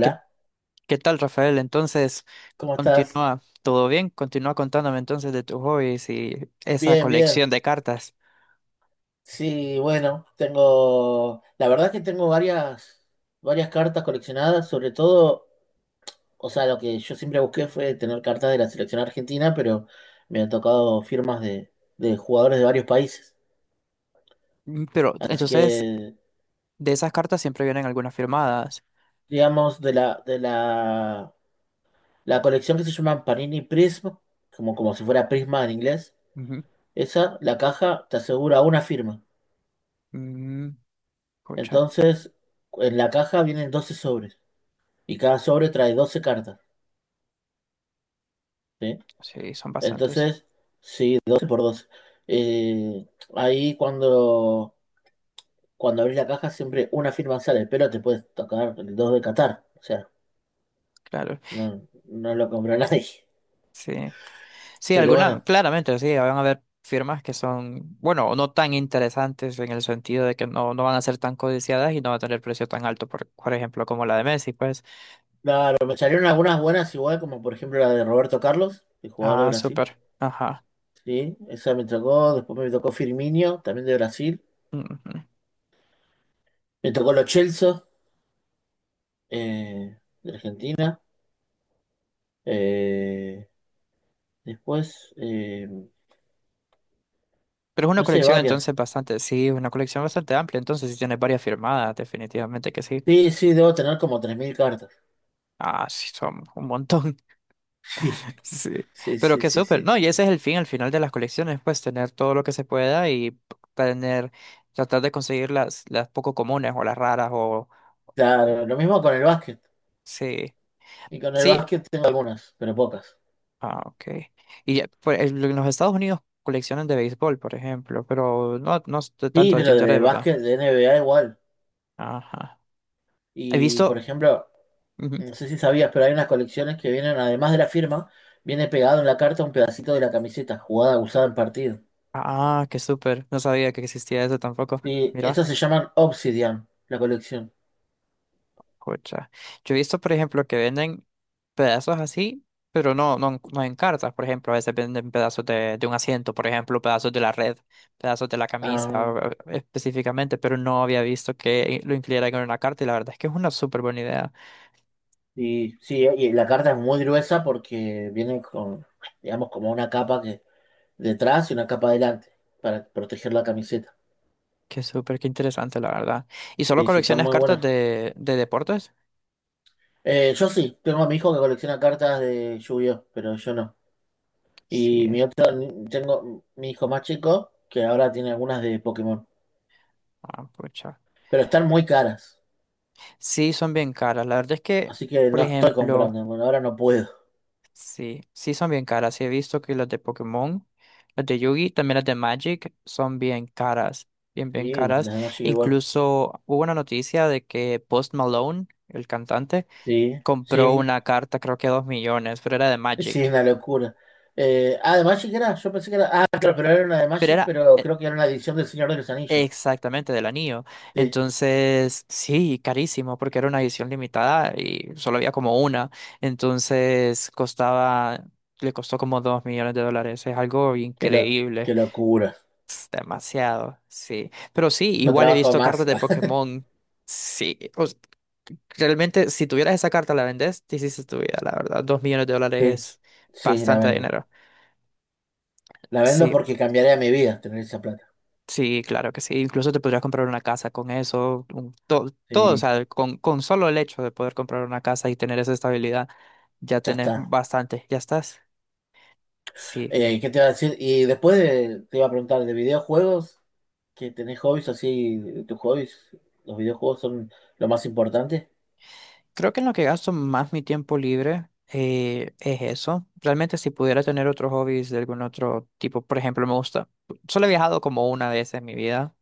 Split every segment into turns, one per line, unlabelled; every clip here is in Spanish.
¿Qué, qué, tal, Rafael? Entonces,
¿cómo estás?
continúa, ¿todo bien? Continúa contándome entonces de tus hobbies y esa
Bien, bien.
colección de cartas.
Sí, bueno, tengo, la verdad que tengo varias cartas coleccionadas, sobre todo, o sea, lo que yo siempre busqué fue tener cartas de la selección argentina, pero me han tocado firmas de jugadores de varios países.
Pero
Así
entonces,
que,
de esas cartas siempre vienen algunas firmadas.
digamos, la colección que se llama Panini Prism, como si fuera Prisma en inglés,
Ujú.
esa, la caja te asegura una firma.
Mm, pucha,
Entonces, en la caja vienen 12 sobres. Y cada sobre trae 12 cartas, ¿sí?
sí, son bastantes,
Entonces, sí, 12 por 12. Eh, ahí cuando abrís la caja siempre una firma sale, pero te puedes tocar el 2 de Qatar. O sea,
claro.
no lo compró nadie.
Sí, sí,
Pero
algunas,
bueno,
claramente, sí, van a haber firmas que son, bueno, no tan interesantes en el sentido de que no, no van a ser tan codiciadas y no va a tener precio tan alto, por ejemplo, como la de Messi, pues.
claro, me salieron algunas buenas igual, como por ejemplo la de Roberto Carlos, el jugador de
Ah,
Brasil.
súper, ajá.
Sí, esa me tocó. Después me tocó Firmino, también de Brasil.
Ujú.
Me tocó los Chelsea, eh, de Argentina. Eh, después,
Pero es una
no sé,
colección
varias.
entonces bastante, sí, una colección bastante amplia, entonces sí tienes varias firmadas, definitivamente que sí.
Sí, sí, debo tener como 3.000 cartas.
Ah, sí, son un montón. Sí.
Sí, sí,
Pero
sí,
qué
sí,
súper.
sí.
No, y ese es el fin, al final de las colecciones, pues tener todo lo que se pueda y tener, tratar de conseguir las poco comunes o las raras o-
Claro, lo mismo con el básquet.
sí.
Y con el
Sí.
básquet tengo algunas, pero pocas.
Ah, ok. Y pues, en los Estados Unidos coleccionan de béisbol, por ejemplo, pero no, no es de
Sí,
tanto de
pero
tintoré,
de
¿verdad?
básquet, de N B A igual.
Ajá. He
Y por
visto.
ejemplo, no sé si sabías, pero hay unas colecciones que vienen, además de la firma, viene pegado en la carta un pedacito de la camiseta jugada, usada en partido.
Ah, qué súper. No sabía que existía eso tampoco.
Y
Mira,
estas se llaman Obsidian, la colección.
jocha. Yo he visto, por ejemplo, que venden pedazos así, pero no en cartas. Por ejemplo, a veces venden pedazos de un asiento, por ejemplo, pedazos de la red, pedazos de la camisa
Ah,
específicamente, pero no había visto que lo incluyeran en una carta y la verdad es que es una súper buena idea.
y sí, y la carta es muy gruesa porque viene con, digamos, como una capa que detrás y una capa adelante para proteger la camiseta.
Qué súper, qué interesante, la verdad. ¿Y solo
Sí, sí, están
coleccionas
muy
cartas
buenas.
de deportes?
Yo sí, tengo a mi hijo que colecciona cartas de Yu-Gi-Oh, pero yo no.
Sí,
Y mi otro, tengo mi hijo más chico que ahora tiene algunas de Pokémon,
ah, pucha.
pero están muy caras,
Sí, son bien caras. La verdad es que,
así que
por
no estoy
ejemplo.
comprando, bueno, ahora no puedo.
Sí, sí son bien caras. Sí he visto que las de Pokémon, las de Yugi, también las de Magic son bien caras, bien, bien
Sí, las
caras.
de Magic igual.
Incluso hubo una noticia de que Post Malone, el cantante,
Sí,
compró
sí,
una carta, creo que a 2,000,000, pero era de
sí, es
Magic.
una locura. Ah, de Magic era, yo pensé que era, ah, claro, pero era una de
Pero
Magic,
era
pero creo que era una edición del Señor de los Anillos.
exactamente del anillo.
Sí,
Entonces, sí, carísimo, porque era una edición limitada y solo había como una. Entonces, costaba, le costó como $2,000,000. Es algo
qué,
increíble.
qué locura.
Es demasiado, sí. Pero sí,
No
igual he
trabajo
visto cartas
más.
de Pokémon. Sí. Realmente, si tuvieras esa carta, la vendes, te hiciste tu vida, la verdad. $2,000,000
Sí,
es
sí, la
bastante
vendo.
dinero.
La vendo
Sí,
porque cambiaría mi vida tener esa plata.
sí, claro que sí. Incluso te podrías comprar una casa con eso. Todo, o
Sí,
sea, con solo el hecho de poder comprar una casa y tener esa estabilidad, ya
ya
tenés
está.
bastante. Ya estás. Sí.
¿Qué te iba a decir? Y después te iba a preguntar de videojuegos, que tenés hobbies así, tus hobbies, los videojuegos son lo más importante.
Creo que en lo que gasto más mi tiempo libre es eso. Realmente si pudiera tener otros hobbies de algún otro tipo, por ejemplo, me gusta, solo he viajado como una vez en mi vida.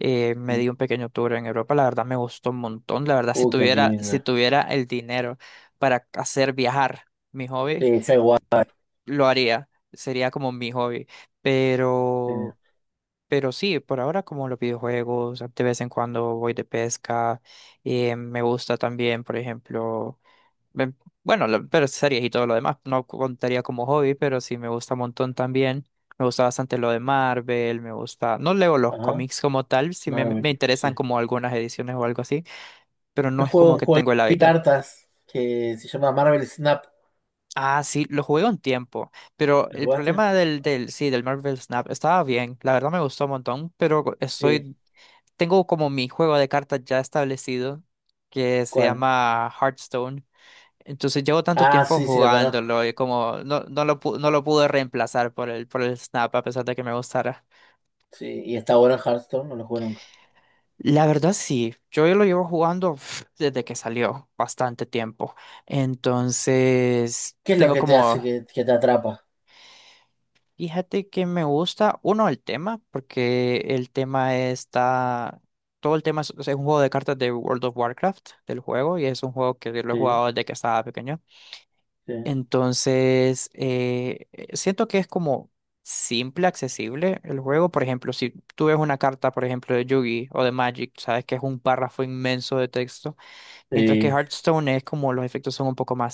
Me di
Sí.
un pequeño tour en Europa, la verdad me gustó un montón. La verdad, si
Uy, qué
tuviera, si
lindo.
tuviera el dinero para hacer viajar mi hobby,
Sí, yo igual.
lo haría. Sería como mi hobby.
Sí.
Pero, pero sí, por ahora como los videojuegos, de vez en cuando voy de pesca. Me gusta también, por ejemplo. Ven, Bueno, pero series y todo lo demás, no contaría como hobby, pero sí me gusta un montón también. Me gusta bastante lo de Marvel, me gusta. No leo los
Ajá,
cómics como tal, sí me,
Marvel,
me interesan
sí.
como algunas ediciones o algo así, pero no
Yo
es
juego
como
un
que
juego
tengo el
de
hábito.
cartas que se llama Marvel Snap.
Ah, sí, lo jugué un tiempo, pero
¿Lo
el
jugaste?
problema del, sí, del Marvel Snap estaba bien, la verdad me gustó un montón, pero
Sí.
estoy, tengo como mi juego de cartas ya establecido, que se
¿Cuál?
llama Hearthstone. Entonces llevo tanto
Ah,
tiempo
sí, sí, lo conozco.
jugándolo y como no lo pude reemplazar por el Snap a pesar de que me gustara.
Sí, y está bueno en Hearthstone, no lo juego nunca.
La verdad sí, yo lo llevo jugando desde que salió, bastante tiempo. Entonces
¿Qué es lo
tengo
que te hace
como,
que te atrapa?
fíjate que me gusta, uno, el tema, porque el tema está, todo el tema es un juego de cartas de World of Warcraft, del juego, y es un juego que lo he
Sí,
jugado desde que estaba pequeño.
sí,
Entonces, siento que es como simple, accesible el juego. Por ejemplo, si tú ves una carta, por ejemplo, de Yugi o de Magic, sabes que es un párrafo inmenso de texto, mientras que
sí.
Hearthstone es como los efectos son un poco más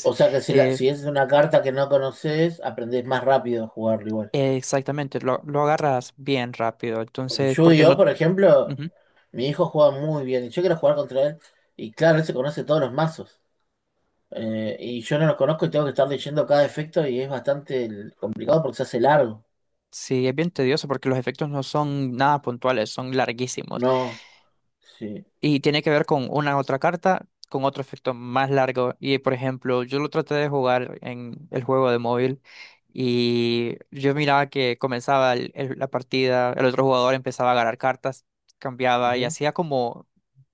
O sea que si, la,
eh,
si es una carta que no conoces, aprendés más rápido a jugarlo igual.
exactamente, lo agarras bien rápido.
Porque
Entonces, porque
Yu-Gi-Oh,
no.
por ejemplo,
Ujú.
mi hijo juega muy bien y yo quiero jugar contra él. Y claro, él se conoce todos los mazos. Y yo no los conozco y tengo que estar leyendo cada efecto y es bastante complicado porque se hace largo.
Sí, es bien tedioso porque los efectos no son nada puntuales, son larguísimos.
No, sí.
Y tiene que ver con una otra carta, con otro efecto más largo. Y por ejemplo, yo lo traté de jugar en el juego de móvil y yo miraba que comenzaba la partida, el otro jugador empezaba a agarrar cartas, cambiaba y
Ujú.
hacía como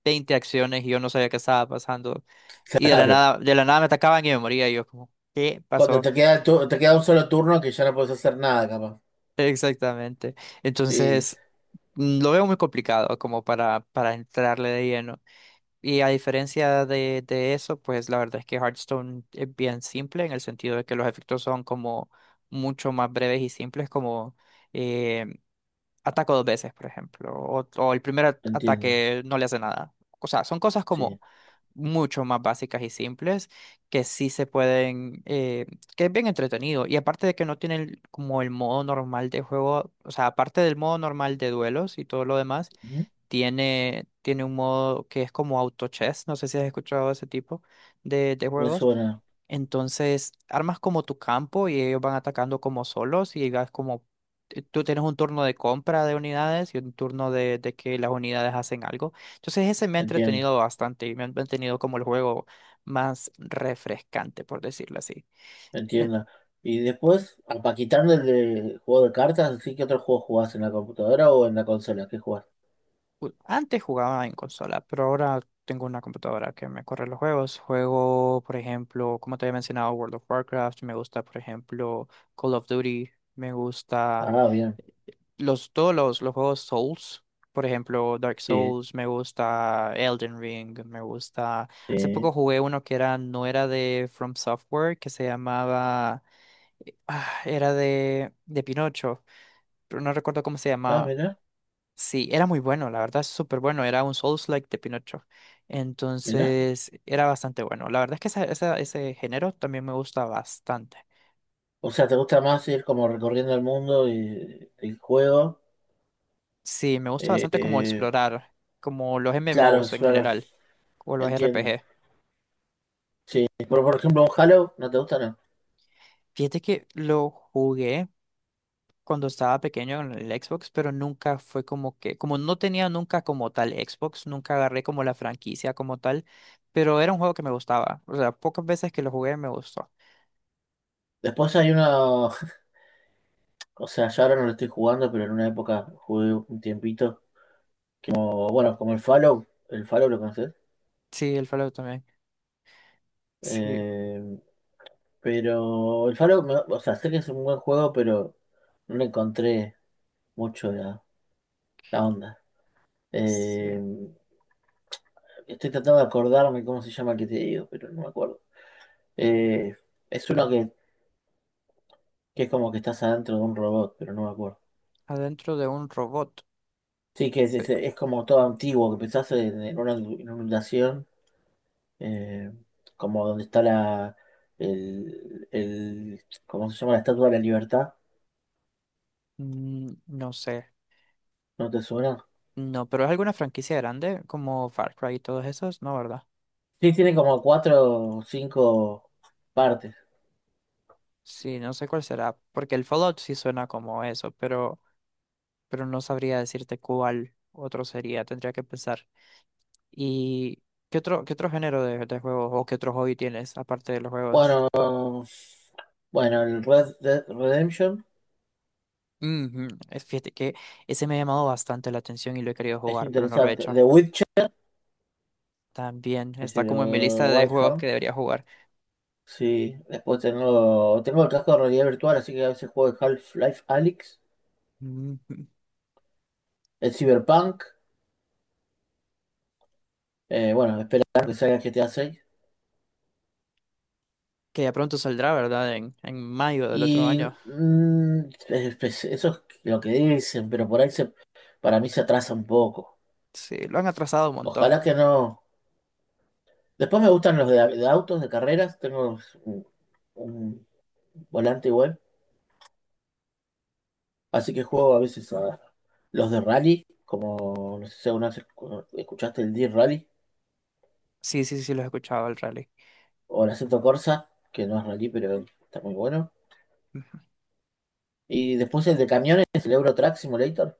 20 acciones y yo no sabía qué estaba pasando. Y
Claro.
de la nada me atacaban y me moría y yo como, ¿qué
Cuando
pasó?
te queda, te queda un solo turno que ya no puedes hacer nada, capaz.
Exactamente.
Sí,
Entonces, lo veo muy complicado como para entrarle de lleno. Y a diferencia de eso, pues la verdad es que Hearthstone es bien simple en el sentido de que los efectos son como mucho más breves y simples, como eh, ataco dos veces, por ejemplo, o el primer
entiendo.
ataque no le hace nada. O sea, son cosas como
Sí.
mucho más básicas y simples que sí se pueden, que es bien entretenido. Y aparte de que no tienen como el modo normal de juego, o sea, aparte del modo normal de duelos y todo lo demás
Ujú.
tiene, tiene un modo que es como auto chess, no sé si has escuchado ese tipo de
Me
juegos.
suena,
Entonces, armas como tu campo y ellos van atacando como solos y vas como, tú tienes un turno de compra de unidades y un turno de que las unidades hacen algo. Entonces, ese me ha
entiendo.
entretenido bastante y me ha mantenido como el juego más refrescante, por decirlo así.
Entiendo. Y después, ah, pa' quitando el de juego de cartas, ¿sí que otro juego jugás en la computadora o en la consola? ¿Qué jugás?
Antes jugaba en consola, pero ahora tengo una computadora que me corre los juegos. Juego, por ejemplo, como te había mencionado, World of Warcraft. Me gusta, por ejemplo, Call of Duty. Me gusta
Ah, bien.
eh, todos los juegos Souls. Por ejemplo, Dark
Sí,
Souls, me gusta Elden Ring, me gusta. Hace poco
sí.
jugué uno que era, no era de From Software, que se llamaba. Era de Pinocho, pero no recuerdo cómo se
Ah,
llamaba.
mirá,
Sí, era muy bueno, la verdad, súper bueno. Era un Souls-like de Pinocho.
mirá.
Entonces, era bastante bueno. La verdad es que ese género también me gusta bastante.
O sea, ¿te gusta más ir como recorriendo el mundo y el juego?
Sí, me gusta bastante como
Eh,
explorar, como los M M
claro,
Os en
explorar.
general, o los R P
Entiendo.
G.
Sí. Pero, por ejemplo, un Halo, ¿no te gusta? No.
Fíjate que lo jugué cuando estaba pequeño en el Xbox, pero nunca fue como que, como no tenía nunca como tal Xbox, nunca agarré como la franquicia como tal, pero era un juego que me gustaba. O sea, pocas veces que lo jugué me gustó.
Después hay uno, o sea, yo ahora no lo estoy jugando, pero en una época jugué un tiempito. Como, bueno, como el Fallout. ¿El Fallout lo conoces?
Sí, el Fallout también. Sí,
Eh, Pero el Faro, o sea, sé que es un buen juego, pero no le encontré mucho la onda.
sí,
Eh, estoy tratando de acordarme cómo se llama el que te digo, pero no me acuerdo. Eh, es uno que, es como que estás adentro de un robot, pero no me acuerdo.
adentro de un robot.
Sí, que es,
Pe-
es como todo antiguo, que pensás en una inundación, eh, como donde está el, ¿cómo se llama? La Estatua de la Libertad,
No sé.
¿no te suena?
No, pero es alguna franquicia grande como Far Cry y todos esos, ¿no, verdad?
Sí, tiene como cuatro o cinco partes.
Sí, no sé cuál será, porque el Fallout sí suena como eso, pero no sabría decirte cuál otro sería, tendría que pensar. ¿Y qué otro género de juegos o qué otro hobby tienes aparte de los juegos?
Bueno, bueno, el Red Dead Redemption
Ujú. Fíjate que ese me ha llamado bastante la atención y lo he querido
es
jugar, pero no lo he
interesante.
hecho.
The Witcher,
También
es
está
el
como en mi lista de juegos que
Whitehorn.
debería jugar.
Sí, después tengo el casco de realidad virtual, así que a veces juego el Half-Life Alyx,
Ujú.
el Cyberpunk. Bueno, esperar que salga el GTA 6.
Que ya pronto saldrá, ¿verdad? En mayo del otro
Y
año.
eso es lo que dicen, pero por ahí se, para mí se atrasa un poco.
Sí, lo han atrasado un montón.
Ojalá que no. Después me gustan los de autos, de carreras. Tengo un, un volante igual. Así que juego a veces a los de rally, como no sé si alguna vez escuchaste el D-Rally
Sí, sí, sí, lo he escuchado el rally.
o el Assetto Corsa, que no es rally, pero está muy bueno.
Ujú.
Y después el de camiones, el Euro Truck Simulator.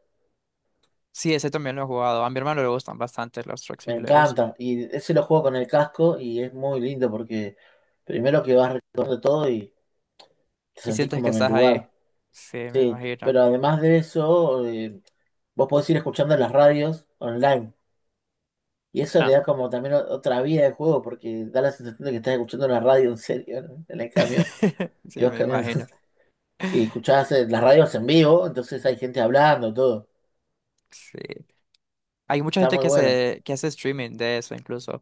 Sí, ese también lo he jugado. A mi hermano le gustan bastante los Truck
Me
Simulators.
encanta. Y ese lo juego con el casco y es muy lindo porque primero que vas recorriendo todo y te
Y
sentís
sientes que
como en el
estás ahí.
lugar.
Sí, me
Sí,
imagino.
pero además de eso, vos podés ir escuchando las radios online. Y eso le
Ah.
da como también otra vida al juego, porque da la sensación de que estás escuchando una radio en serio, ¿no? En el camión.
Sí,
Y vas
me
caminando.
imagino.
Y escuchás las radios en vivo, entonces hay gente hablando, todo.
Sí. Hay mucha
Está
gente
muy bueno.
que hace streaming de eso incluso,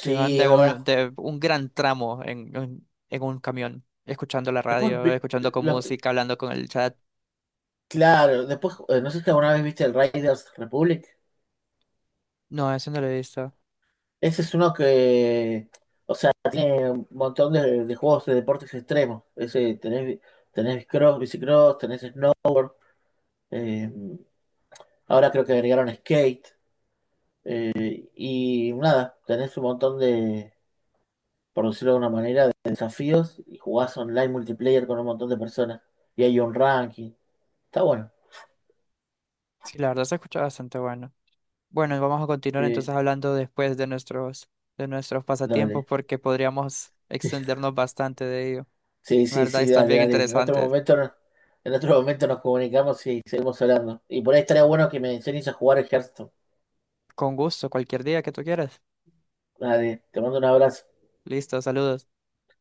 que van
es verdad.
de un gran tramo en, en un camión, escuchando la
Después,
radio, escuchando con
lo-
música, hablando con el chat.
claro, después, no sé si alguna vez viste el Riders Republic.
No, eso no lo he visto.
Ese es uno que, o sea, tiene un montón de juegos de deportes extremos. Ese, tenés cross, bicicross, tenés snow. eh, ahora creo que agregaron skate. Y nada, tenés un montón de, por decirlo de una manera, de desafíos y jugás online multiplayer con un montón de personas. Y hay un ranking. Está bueno.
Sí, la verdad se escucha bastante bueno. Bueno, y vamos a continuar
Sí,
entonces hablando después de nuestros pasatiempos
dale.
porque podríamos extendernos bastante de ello.
Sí,
La
sí,
verdad,
sí,
están
dale,
bien
dale. En otro
interesantes.
momento, en otro momento nos comunicamos y seguimos hablando. Y por ahí estaría bueno que me enseñes a jugar el Hearthstone.
Con gusto, cualquier día que tú quieras.
Dale, te mando un abrazo.
Listo, saludos.